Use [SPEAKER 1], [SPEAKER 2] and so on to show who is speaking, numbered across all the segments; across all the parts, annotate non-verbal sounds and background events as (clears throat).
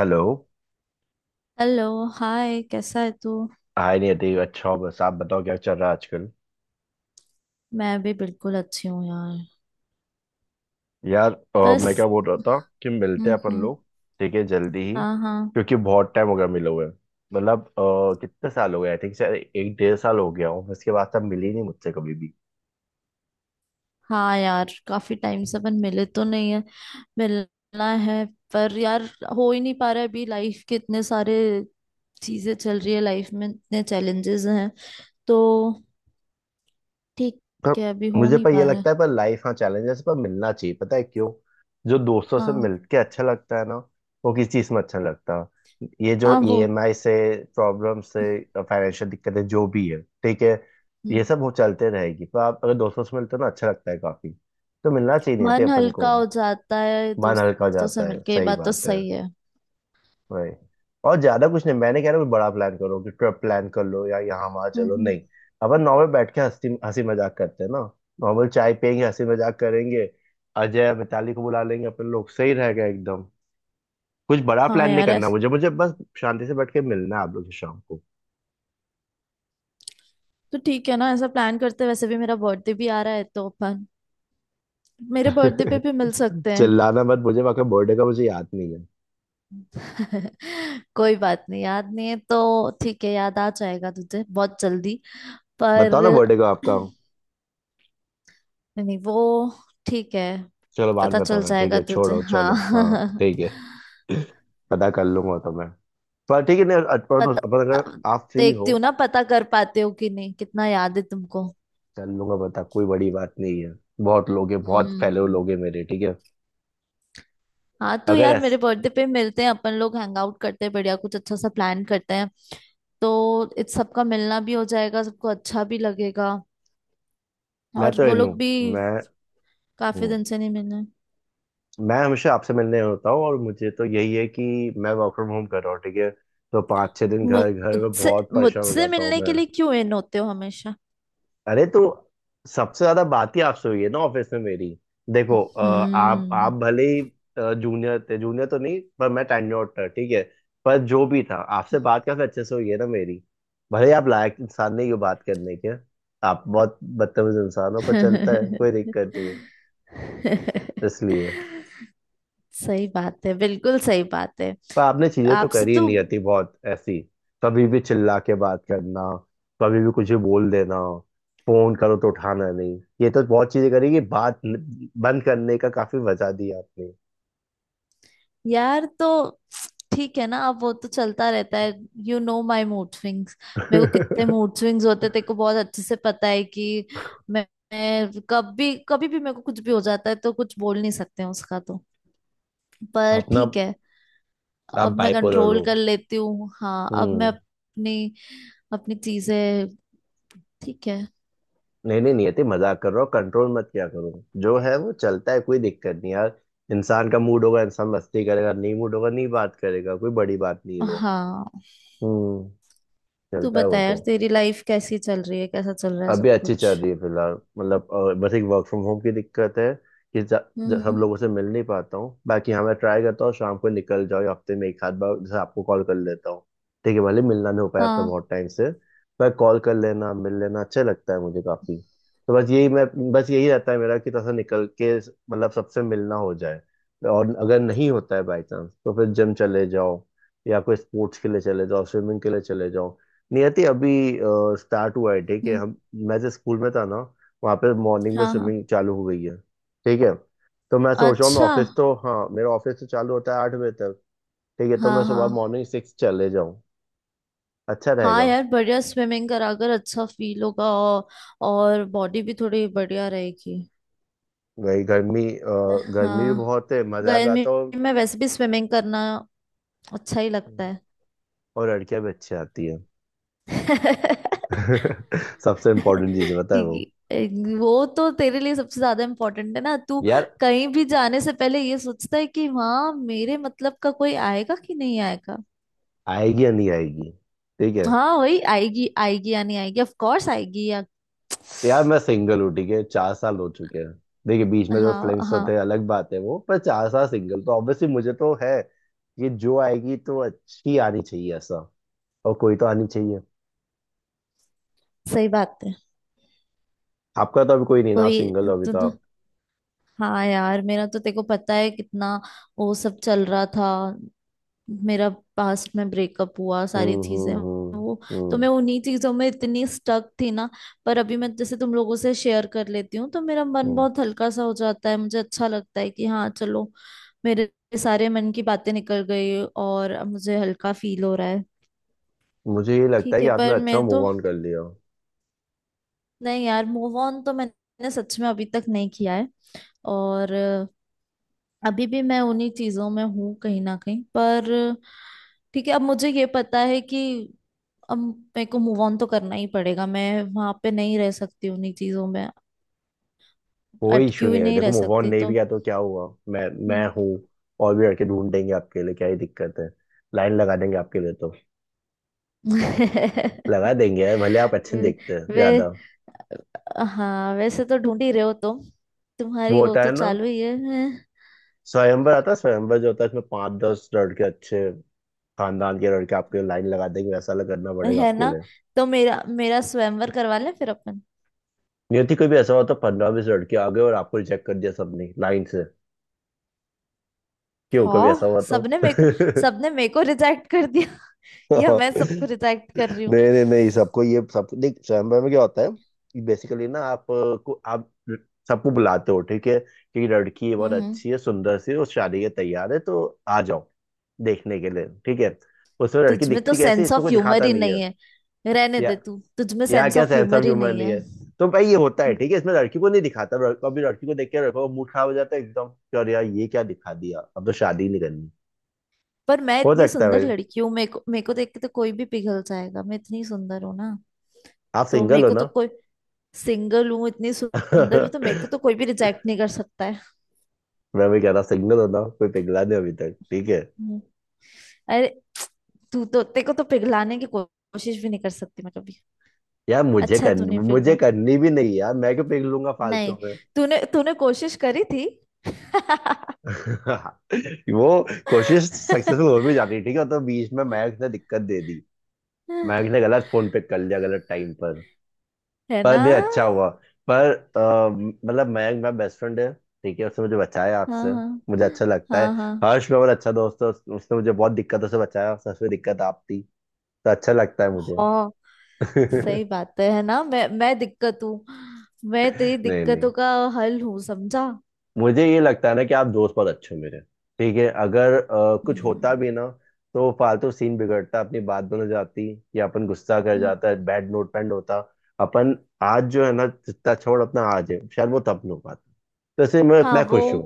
[SPEAKER 1] Hello
[SPEAKER 2] hello, hi. कैसा है तू?
[SPEAKER 1] हाय नियति। अच्छा हो, बस आप बताओ क्या चल रहा है आजकल।
[SPEAKER 2] मैं भी बिल्कुल अच्छी हूँ यार।
[SPEAKER 1] यार, मैं क्या
[SPEAKER 2] बस।
[SPEAKER 1] बोल रहा था कि मिलते हैं
[SPEAKER 2] हम्म,
[SPEAKER 1] अपन
[SPEAKER 2] हम्म।
[SPEAKER 1] लोग। ठीक है जल्दी ही,
[SPEAKER 2] हाँ, हाँ।
[SPEAKER 1] क्योंकि बहुत टाइम हो गया मिले हुए। मतलब कितने साल हो गए, आई थिंक शायद एक डेढ़ साल हो गया हूँ उसके बाद से, आप मिली नहीं मुझसे कभी भी।
[SPEAKER 2] हाँ यार, काफी टाइम से अपन मिले तो नहीं है। मिलना है पर यार, हो ही नहीं पा रहा है। अभी लाइफ के इतने सारे चीजें चल रही है, लाइफ में इतने चैलेंजेस हैं तो ठीक
[SPEAKER 1] पर
[SPEAKER 2] है, अभी हो
[SPEAKER 1] मुझे,
[SPEAKER 2] नहीं
[SPEAKER 1] पर ये
[SPEAKER 2] पा रहा है।
[SPEAKER 1] लगता है, पर लाइफ, हाँ चैलेंजेस, पर मिलना चाहिए, पता है क्यों? जो दोस्तों से
[SPEAKER 2] हाँ,
[SPEAKER 1] मिलके अच्छा लगता है ना, वो किसी चीज में अच्छा नहीं लगता। ये जो
[SPEAKER 2] हाँ। वो
[SPEAKER 1] ईएमआई से, प्रॉब्लम से, फाइनेंशियल दिक्कतें जो भी है, ठीक है। ये
[SPEAKER 2] हम्म।
[SPEAKER 1] सब वो चलते रहेगी, पर आप अगर दोस्तों से मिलते हो ना, अच्छा लगता है काफी। तो मिलना चाहिए, नहीं थे
[SPEAKER 2] मन
[SPEAKER 1] अपन को।
[SPEAKER 2] हल्का हो जाता है
[SPEAKER 1] मन हल्का हो
[SPEAKER 2] दोस्तों से
[SPEAKER 1] जाता है,
[SPEAKER 2] मिलके, ये
[SPEAKER 1] सही
[SPEAKER 2] बात तो
[SPEAKER 1] बात है,
[SPEAKER 2] सही है।
[SPEAKER 1] वही। और ज्यादा कुछ नहीं, मैंने कह रहा कुछ बड़ा प्लान करो कि ट्रिप प्लान कर लो या यहाँ वहां
[SPEAKER 2] हम्म,
[SPEAKER 1] चलो,
[SPEAKER 2] हम्म।
[SPEAKER 1] नहीं। अपन नॉर्मल बैठ के हंसी हंसी मजाक करते हैं ना। नॉर्मल चाय पियेंगे, हंसी मजाक करेंगे। अजय मिताली को बुला लेंगे अपन लोग, सही रहेगा एकदम। कुछ बड़ा
[SPEAKER 2] हाँ
[SPEAKER 1] प्लान नहीं
[SPEAKER 2] यार,
[SPEAKER 1] करना, मुझे मुझे बस शांति से बैठ के मिलना है आप लोग से शाम को।
[SPEAKER 2] तो ठीक है ना, ऐसा प्लान करते हैं। वैसे भी मेरा बर्थडे भी आ रहा है तो अपन मेरे बर्थडे पे
[SPEAKER 1] (laughs)
[SPEAKER 2] भी मिल सकते हैं।
[SPEAKER 1] चिल्लाना मत, मुझे आपका बर्थडे का मुझे याद नहीं है।
[SPEAKER 2] (laughs) कोई बात नहीं, याद नहीं है तो ठीक है, याद आ जाएगा तुझे बहुत जल्दी।
[SPEAKER 1] बताओ ना
[SPEAKER 2] पर
[SPEAKER 1] बर्थडे का आपका।
[SPEAKER 2] (clears throat) नहीं वो ठीक है।
[SPEAKER 1] चलो बाद
[SPEAKER 2] पता
[SPEAKER 1] में
[SPEAKER 2] चल
[SPEAKER 1] बताना, ठीक
[SPEAKER 2] जाएगा
[SPEAKER 1] है,
[SPEAKER 2] तुझे,
[SPEAKER 1] छोड़ो, चलो,
[SPEAKER 2] हाँ।
[SPEAKER 1] हाँ। ठीक है।
[SPEAKER 2] (laughs)
[SPEAKER 1] (laughs) पता कर लूंगा तो मैं। पर ठीक है, नहीं, अपन अपन
[SPEAKER 2] पता
[SPEAKER 1] अगर आप फ्री
[SPEAKER 2] देखती
[SPEAKER 1] हो।
[SPEAKER 2] हूँ ना, पता कर पाते हो कि नहीं, कितना याद है तुमको।
[SPEAKER 1] चल लूंगा, बता, कोई बड़ी बात नहीं है। बहुत लोग हैं, बहुत फेलो
[SPEAKER 2] हम्म।
[SPEAKER 1] लोग हैं मेरे, ठीक है।
[SPEAKER 2] हाँ तो
[SPEAKER 1] अगर
[SPEAKER 2] यार, मेरे
[SPEAKER 1] ऐस
[SPEAKER 2] बर्थडे पे मिलते हैं अपन लोग, हैंग आउट करते हैं, बढ़िया कुछ अच्छा सा प्लान करते हैं। तो इत सबका मिलना भी हो जाएगा, सबको अच्छा भी लगेगा।
[SPEAKER 1] मैं
[SPEAKER 2] और
[SPEAKER 1] तो
[SPEAKER 2] वो
[SPEAKER 1] इन हूँ।
[SPEAKER 2] लोग भी
[SPEAKER 1] मैं
[SPEAKER 2] काफी
[SPEAKER 1] हूँ।
[SPEAKER 2] दिन से नहीं मिले।
[SPEAKER 1] मैं हमेशा आपसे मिलने होता हूँ, और मुझे तो यही है कि मैं वर्क फ्रॉम होम कर रहा हूँ, ठीक है। तो 5-6 दिन घर घर में
[SPEAKER 2] मुझसे
[SPEAKER 1] बहुत परेशान हो
[SPEAKER 2] मुझसे
[SPEAKER 1] जाता हूँ
[SPEAKER 2] मिलने
[SPEAKER 1] मैं।
[SPEAKER 2] के लिए क्यों इन होते हो हमेशा?
[SPEAKER 1] अरे, तो सबसे ज्यादा बात ही आपसे हुई है ना ऑफिस में मेरी। देखो, आप
[SPEAKER 2] हम्म।
[SPEAKER 1] भले ही जूनियर थे, जूनियर तो नहीं पर मैं टेन्योर्ड था, ठीक है। पर जो भी था, आपसे बात काफी अच्छे से हुई है ना मेरी। भले ही आप लायक इंसान नहीं हो बात करने के, आप बहुत बदतमीज इंसान हो, पर चलता है, कोई दिक्कत नहीं है,
[SPEAKER 2] (laughs)
[SPEAKER 1] इसलिए।
[SPEAKER 2] सही बात है, बिल्कुल सही बात है।
[SPEAKER 1] पर आपने चीजें तो
[SPEAKER 2] आपसे
[SPEAKER 1] करी
[SPEAKER 2] तो
[SPEAKER 1] नहीं आती बहुत ऐसी, कभी भी चिल्ला के बात करना, कभी भी कुछ भी बोल देना, फोन करो तो उठाना नहीं, ये तो बहुत चीजें करी, कि बात बंद करने का काफी वजह दी आपने।
[SPEAKER 2] यार, तो ठीक है ना, अब वो तो चलता रहता है। You know my mood swings. मेरे को कितने मूड
[SPEAKER 1] (laughs)
[SPEAKER 2] स्विंग्स होते हैं तेरे को बहुत अच्छे से पता है कि मैं, मैं कभी कभी भी मेरे को कुछ भी हो जाता है तो कुछ बोल नहीं सकते हैं उसका, तो पर
[SPEAKER 1] अपना,
[SPEAKER 2] ठीक है।
[SPEAKER 1] आप
[SPEAKER 2] अब मैं
[SPEAKER 1] बाइपोलर
[SPEAKER 2] कंट्रोल
[SPEAKER 1] हो।
[SPEAKER 2] कर लेती हूँ। हाँ, अब मैं
[SPEAKER 1] हम्म।
[SPEAKER 2] अपनी अपनी चीजें ठीक है।
[SPEAKER 1] नहीं नहीं नहीं आती, मजाक कर रहा हो, कंट्रोल मत किया करो। जो है वो चलता है, कोई दिक्कत नहीं यार। इंसान का मूड होगा इंसान मस्ती करेगा, नहीं मूड होगा नहीं बात करेगा, कोई बड़ी बात नहीं है वो।
[SPEAKER 2] हाँ,
[SPEAKER 1] हम्म
[SPEAKER 2] तू
[SPEAKER 1] चलता है वो
[SPEAKER 2] बता
[SPEAKER 1] तो।
[SPEAKER 2] यार, तेरी लाइफ कैसी चल रही है, कैसा चल रहा है
[SPEAKER 1] अभी
[SPEAKER 2] सब
[SPEAKER 1] अच्छी
[SPEAKER 2] कुछ?
[SPEAKER 1] चल रही है फिलहाल। मतलब बस एक वर्क फ्रॉम होम की दिक्कत है कि
[SPEAKER 2] हम्म,
[SPEAKER 1] सब लोगों से मिल नहीं पाता हूँ। बाकी हाँ, मैं ट्राई करता हूँ शाम को निकल जाओ, या हफ्ते में एक आध बार जैसे आपको कॉल कर लेता हूँ। ठीक है, भले मिलना नहीं हो पाया अब तो
[SPEAKER 2] हाँ,
[SPEAKER 1] बहुत टाइम से। पर कॉल कर लेना, मिल लेना अच्छा लगता है मुझे काफी। तो बस यही मैं, बस यही रहता है मेरा, कि थोड़ा सा निकल के मतलब सबसे मिलना हो जाए। और अगर नहीं होता है बाई चांस तो फिर जिम चले जाओ, या कोई स्पोर्ट्स के लिए चले जाओ, स्विमिंग के लिए चले जाओ। नियति अभी स्टार्ट हुआ है, ठीक है
[SPEAKER 2] हम्म।
[SPEAKER 1] हम। मैं जिस स्कूल में था ना, वहाँ पे मॉर्निंग में
[SPEAKER 2] हाँ, हाँ,
[SPEAKER 1] स्विमिंग चालू हो गई है, ठीक है। तो मैं सोच रहा हूँ, मैं
[SPEAKER 2] अच्छा।
[SPEAKER 1] ऑफिस तो, हाँ मेरा ऑफिस तो चालू होता है 8 बजे तक, ठीक है। तो मैं
[SPEAKER 2] हाँ,
[SPEAKER 1] सुबह
[SPEAKER 2] हाँ।
[SPEAKER 1] मॉर्निंग 6 चले जाऊँ, अच्छा
[SPEAKER 2] हाँ
[SPEAKER 1] रहेगा।
[SPEAKER 2] यार बढ़िया, स्विमिंग करा कर अच्छा फील होगा, और बॉडी भी थोड़ी बढ़िया रहेगी।
[SPEAKER 1] वही गर्मी, गर्मी भी
[SPEAKER 2] हाँ,
[SPEAKER 1] बहुत है, मजा भी
[SPEAKER 2] गर्मी
[SPEAKER 1] आता हो,
[SPEAKER 2] में वैसे भी स्विमिंग करना अच्छा ही लगता है।
[SPEAKER 1] और लड़कियां भी अच्छी आती है।
[SPEAKER 2] (laughs)
[SPEAKER 1] (laughs) सबसे इम्पोर्टेंट चीज है, पता है वो।
[SPEAKER 2] ये- वो तो तेरे लिए सबसे ज्यादा इम्पोर्टेंट है ना। तू
[SPEAKER 1] यार
[SPEAKER 2] कहीं भी जाने से पहले ये सोचता है कि वहाँ मेरे मतलब का कोई आएगा कि नहीं आएगा।
[SPEAKER 1] आएगी या नहीं आएगी, ठीक है।
[SPEAKER 2] हाँ वही, आएगी, आएगी या नहीं आएगी, ऑफ कोर्स आएगी या।
[SPEAKER 1] यार मैं सिंगल हूँ, ठीक है, 4 साल हो चुके हैं। देखिए बीच में जो
[SPEAKER 2] हाँ,
[SPEAKER 1] फ्लिंग्स होते
[SPEAKER 2] हाँ।
[SPEAKER 1] हैं अलग बात है वो, पर 4 साल सिंगल तो ऑब्वियसली मुझे तो है। ये जो आएगी तो अच्छी आनी चाहिए, ऐसा, और कोई तो आनी चाहिए।
[SPEAKER 2] सही बात है।
[SPEAKER 1] आपका तो अभी कोई नहीं ना, आप
[SPEAKER 2] कोई
[SPEAKER 1] सिंगल हो अभी
[SPEAKER 2] तू।
[SPEAKER 1] तो आप।
[SPEAKER 2] हाँ यार, मेरा तो तेको पता है कितना वो सब चल रहा था। मेरा पास्ट में ब्रेकअप हुआ, सारी
[SPEAKER 1] हम्म,
[SPEAKER 2] चीजें
[SPEAKER 1] हम्म,
[SPEAKER 2] वो, तो
[SPEAKER 1] हम्म,
[SPEAKER 2] मैं उन्हीं चीजों में इतनी स्टक थी ना। पर अभी मैं जैसे तुम लोगों से शेयर कर लेती हूँ तो मेरा
[SPEAKER 1] हम्म,
[SPEAKER 2] मन बहुत हल्का सा हो जाता है, मुझे अच्छा लगता है कि हाँ चलो, मेरे सारे मन की बातें निकल गई और अब मुझे हल्का फील हो रहा है।
[SPEAKER 1] मुझे ये लगता है
[SPEAKER 2] ठीक
[SPEAKER 1] कि
[SPEAKER 2] है
[SPEAKER 1] आपने
[SPEAKER 2] पर
[SPEAKER 1] अच्छा
[SPEAKER 2] मैं तो,
[SPEAKER 1] मूव ऑन कर लिया।
[SPEAKER 2] नहीं यार, मूव ऑन तो मैंने सच में अभी तक नहीं किया है। और अभी भी मैं उन्हीं चीजों में हूँ कहीं ना कहीं। पर ठीक है, अब मुझे ये पता है कि अब मेरे को मूव ऑन तो करना ही पड़ेगा, मैं वहां पे नहीं रह सकती उन्हीं चीजों में,
[SPEAKER 1] कोई
[SPEAKER 2] अटकी
[SPEAKER 1] इशू
[SPEAKER 2] हुई
[SPEAKER 1] नहीं है,
[SPEAKER 2] नहीं
[SPEAKER 1] देखो
[SPEAKER 2] रह
[SPEAKER 1] मूव ऑन
[SPEAKER 2] सकती।
[SPEAKER 1] नहीं भी
[SPEAKER 2] तो
[SPEAKER 1] किया तो क्या हुआ, मैं
[SPEAKER 2] हम्म।
[SPEAKER 1] हूँ, और भी लड़के ढूंढ देंगे आपके लिए, क्या ही दिक्कत है। लाइन लगा देंगे आपके लिए, तो
[SPEAKER 2] (laughs)
[SPEAKER 1] लगा देंगे यार, भले आप अच्छे नहीं
[SPEAKER 2] वे
[SPEAKER 1] दिखते हैं
[SPEAKER 2] वे
[SPEAKER 1] ज्यादा।
[SPEAKER 2] हाँ, वैसे तो ढूंढ ही रहे हो तुम,
[SPEAKER 1] वो
[SPEAKER 2] तुम्हारी वो
[SPEAKER 1] होता है
[SPEAKER 2] तो
[SPEAKER 1] ना
[SPEAKER 2] चालू ही है
[SPEAKER 1] स्वयंवर, आता है स्वयंवर, जो होता है इसमें 5-10 लड़के, अच्छे खानदान के लड़के आपके लिए लाइन लगा देंगे, ऐसा करना पड़ेगा
[SPEAKER 2] है
[SPEAKER 1] आपके
[SPEAKER 2] ना?
[SPEAKER 1] लिए।
[SPEAKER 2] तो मेरा मेरा स्वयंवर करवा लें फिर अपन।
[SPEAKER 1] नियति कोई भी ऐसा हुआ तो 15-20 लड़के आ गए और आपको रिजेक्ट कर दिया सबने लाइन से, क्यों? कभी ऐसा
[SPEAKER 2] हाँ,
[SPEAKER 1] हुआ तो?
[SPEAKER 2] सबने मेरे को रिजेक्ट कर दिया।
[SPEAKER 1] (laughs)
[SPEAKER 2] (laughs) या मैं
[SPEAKER 1] नहीं
[SPEAKER 2] सबको रिजेक्ट कर रही हूँ।
[SPEAKER 1] नहीं नहीं, सबको, ये सब देख स्वयंवर में क्या होता है कि बेसिकली ना आप सबको बुलाते हो, ठीक है, कि लड़की ये बहुत
[SPEAKER 2] हम्म।
[SPEAKER 1] अच्छी है, सुंदर सी है, वो शादी के तैयार है, तो आ जाओ देखने के लिए, ठीक है। उसमें लड़की
[SPEAKER 2] तुझमें तो
[SPEAKER 1] दिखती कैसी है,
[SPEAKER 2] सेंस
[SPEAKER 1] इसमें
[SPEAKER 2] ऑफ
[SPEAKER 1] कोई
[SPEAKER 2] ह्यूमर
[SPEAKER 1] दिखाता
[SPEAKER 2] ही
[SPEAKER 1] नहीं है।
[SPEAKER 2] नहीं है। रहने दे
[SPEAKER 1] या
[SPEAKER 2] तू, तुझमें
[SPEAKER 1] यार,
[SPEAKER 2] सेंस
[SPEAKER 1] क्या
[SPEAKER 2] ऑफ
[SPEAKER 1] सैमसम
[SPEAKER 2] ह्यूमर ही
[SPEAKER 1] ह्यूमर
[SPEAKER 2] नहीं
[SPEAKER 1] नहीं
[SPEAKER 2] है।
[SPEAKER 1] है। तो भाई ये होता है, ठीक है, इसमें लड़की को नहीं दिखाता, कभी लड़की को देख के लड़का का मूड खराब हो जाता है एकदम, कि अरे यार ये क्या दिखा दिया, अब तो शादी नहीं करनी।
[SPEAKER 2] पर मैं
[SPEAKER 1] हो
[SPEAKER 2] इतनी
[SPEAKER 1] सकता है
[SPEAKER 2] सुंदर
[SPEAKER 1] भाई,
[SPEAKER 2] लड़की हूँ, मेरे को देख के तो कोई भी पिघल जाएगा। मैं इतनी सुंदर हूँ ना,
[SPEAKER 1] आप
[SPEAKER 2] तो मेरे
[SPEAKER 1] सिंगल हो
[SPEAKER 2] को
[SPEAKER 1] ना।
[SPEAKER 2] तो कोई सिंगल हूँ, इतनी सुंदर हूँ तो मेरे को तो
[SPEAKER 1] (laughs)
[SPEAKER 2] कोई भी रिजेक्ट नहीं कर सकता है।
[SPEAKER 1] मैं भी कह रहा, सिंगल हो ना, कोई पिघला नहीं अभी तक, ठीक है।
[SPEAKER 2] हम्म। अरे तू तो, तेरे को तो पिघलाने की कोशिश भी नहीं कर सकती मैं कभी।
[SPEAKER 1] यार, मुझे
[SPEAKER 2] अच्छा है
[SPEAKER 1] करनी
[SPEAKER 2] तूने
[SPEAKER 1] मुझे
[SPEAKER 2] पिघला
[SPEAKER 1] करनी भी नहीं यार, मैं क्यों पिघलूंगा
[SPEAKER 2] नहीं,
[SPEAKER 1] फालतू में।
[SPEAKER 2] तूने तूने कोशिश करी थी। (laughs)
[SPEAKER 1] (laughs) वो कोशिश सक्सेसफुल हो भी जाती है, ठीक है, तो बीच में महक ने दिक्कत दे दी, महक ने गलत फोन पे कर लिया गलत टाइम।
[SPEAKER 2] है ना।
[SPEAKER 1] पर ये अच्छा हुआ। पर मतलब मयंक मेरा बेस्ट फ्रेंड है, ठीक है, उसने मुझे बचाया
[SPEAKER 2] हाँ,
[SPEAKER 1] आपसे,
[SPEAKER 2] हाँ,
[SPEAKER 1] मुझे अच्छा लगता है।
[SPEAKER 2] हाँ, हाँ,
[SPEAKER 1] हर्ष मेरा मेरा अच्छा दोस्त है, उसने मुझे बहुत दिक्कतों से बचाया, सबसे दिक्कत आप थी, तो अच्छा लगता है मुझे।
[SPEAKER 2] हाँ, सही
[SPEAKER 1] (laughs)
[SPEAKER 2] बात है ना? मैं दिक्कत हूँ, मैं तेरी
[SPEAKER 1] नहीं नहीं,
[SPEAKER 2] दिक्कतों का हल हूँ, समझा?
[SPEAKER 1] मुझे ये लगता है ना कि आप दोस्त बहुत अच्छे हो मेरे, ठीक है। अगर कुछ होता
[SPEAKER 2] हम्म,
[SPEAKER 1] भी ना, तो फालतू सीन बिगड़ता, अपनी बात बन जाती, या अपन गुस्सा कर
[SPEAKER 2] हम्म।
[SPEAKER 1] जाता है, बैड नोट पेंड होता। अपन आज जो है ना जितना, छोड़ अपना, आज है, शायद वो तब नहीं हो पाता। तो इसलिए मैं
[SPEAKER 2] हाँ
[SPEAKER 1] मैं
[SPEAKER 2] वो
[SPEAKER 1] खुश हूँ।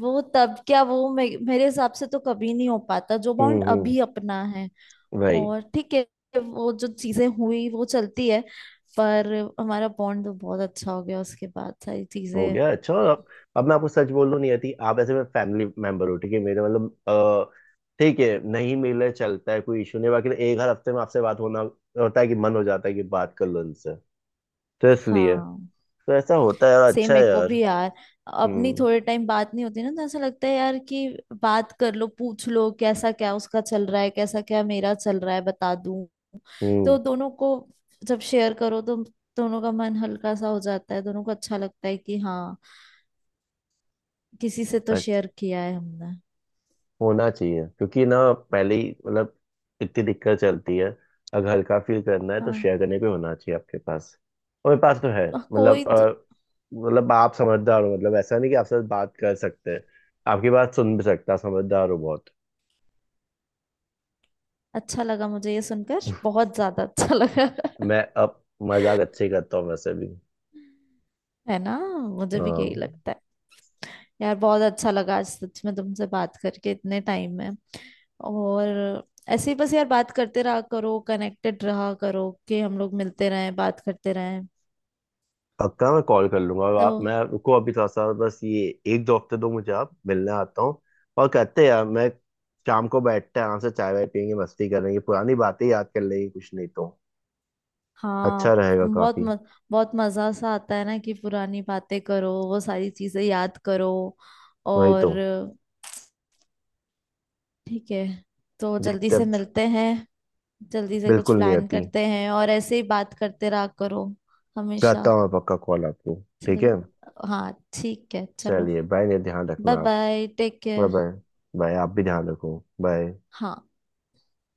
[SPEAKER 2] वो तब क्या, वो मेरे हिसाब से तो कभी नहीं हो पाता जो
[SPEAKER 1] हम्म,
[SPEAKER 2] बॉन्ड
[SPEAKER 1] हम्म,
[SPEAKER 2] अभी अपना है।
[SPEAKER 1] वही।
[SPEAKER 2] और ठीक है, वो जो चीजें हुई वो चलती है, पर हमारा बॉन्ड तो बहुत अच्छा हो गया उसके बाद सारी
[SPEAKER 1] हो
[SPEAKER 2] चीजें।
[SPEAKER 1] गया अच्छा, और अब मैं आपको सच बोल रहा नहीं आती, आप ऐसे में फैमिली मेंबर हो, ठीक है मेरे, मतलब ठीक है नहीं मिले चलता है कोई इशू नहीं, बाकी तो एक हर हफ्ते में आपसे बात होना होता है, कि मन हो जाता है कि बात कर लो उनसे, तो इसलिए,
[SPEAKER 2] हाँ,
[SPEAKER 1] तो ऐसा होता है, और
[SPEAKER 2] सेम
[SPEAKER 1] अच्छा है
[SPEAKER 2] मेरे को
[SPEAKER 1] यार।
[SPEAKER 2] भी यार। अपनी
[SPEAKER 1] हम्म,
[SPEAKER 2] थोड़े टाइम बात नहीं होती ना तो ऐसा लगता है यार कि बात कर लो, पूछ लो कैसा क्या उसका चल रहा है, कैसा क्या मेरा चल रहा है बता दूं।
[SPEAKER 1] हम्म,
[SPEAKER 2] तो दोनों को, जब शेयर करो तो दोनों का मन हल्का सा हो जाता है, दोनों को अच्छा लगता है कि हाँ, किसी से तो
[SPEAKER 1] अच्छा।
[SPEAKER 2] शेयर किया है हमने।
[SPEAKER 1] होना चाहिए, क्योंकि ना पहले ही मतलब इतनी दिक्कत चलती है, अगर हल्का फील करना है तो
[SPEAKER 2] हाँ,
[SPEAKER 1] शेयर करने पे होना चाहिए आपके पास, और मेरे पास तो है।
[SPEAKER 2] कोई
[SPEAKER 1] मतलब
[SPEAKER 2] तो
[SPEAKER 1] अ, मतलब आप समझदार हो, मतलब ऐसा नहीं कि आपसे बात कर सकते हैं, आपकी बात सुन भी सकता, समझदार हो बहुत।
[SPEAKER 2] अच्छा लगा मुझे ये सुनकर, बहुत ज्यादा अच्छा लगा। (laughs)
[SPEAKER 1] मैं अब मजाक अच्छे ही करता हूँ वैसे भी।
[SPEAKER 2] है ना, मुझे भी यही
[SPEAKER 1] हाँ।
[SPEAKER 2] लगता है। यार बहुत अच्छा लगा आज सच में तुमसे बात करके इतने टाइम में। और ऐसे ही बस यार, बात करते रहा करो, कनेक्टेड रहा करो कि हम लोग मिलते रहें, बात करते रहें।
[SPEAKER 1] पक्का मैं कॉल कर लूंगा, और
[SPEAKER 2] तो
[SPEAKER 1] आप, मैं रुको अभी थोड़ा सा बस ये, 1-2 हफ्ते दो मुझे, आप मिलने आता हूँ, और कहते हैं यार मैं, शाम को बैठते हैं आराम से, चाय वाय पियेंगे, मस्ती करेंगे, पुरानी बातें याद कर लेंगे, कुछ नहीं तो
[SPEAKER 2] हाँ,
[SPEAKER 1] अच्छा रहेगा
[SPEAKER 2] बहुत
[SPEAKER 1] काफी।
[SPEAKER 2] म, बहुत मजा सा आता है ना कि पुरानी बातें करो, वो सारी चीजें याद करो।
[SPEAKER 1] वही तो।
[SPEAKER 2] और ठीक है, तो जल्दी
[SPEAKER 1] देखते हैं,
[SPEAKER 2] से
[SPEAKER 1] अब।
[SPEAKER 2] मिलते हैं, जल्दी से कुछ
[SPEAKER 1] बिल्कुल नहीं
[SPEAKER 2] प्लान
[SPEAKER 1] आती,
[SPEAKER 2] करते हैं और ऐसे ही बात करते रहा करो हमेशा।
[SPEAKER 1] करता हूँ मैं पक्का कॉल आपको,
[SPEAKER 2] अच्छा
[SPEAKER 1] ठीक है।
[SPEAKER 2] लगे, हाँ। ठीक है चलो,
[SPEAKER 1] चलिए बाय, ने ध्यान रखना
[SPEAKER 2] बाय
[SPEAKER 1] आप।
[SPEAKER 2] Bye, take
[SPEAKER 1] bye
[SPEAKER 2] care.
[SPEAKER 1] Bye. Bye, आप भी ध्यान रखो, बाय।
[SPEAKER 2] हाँ।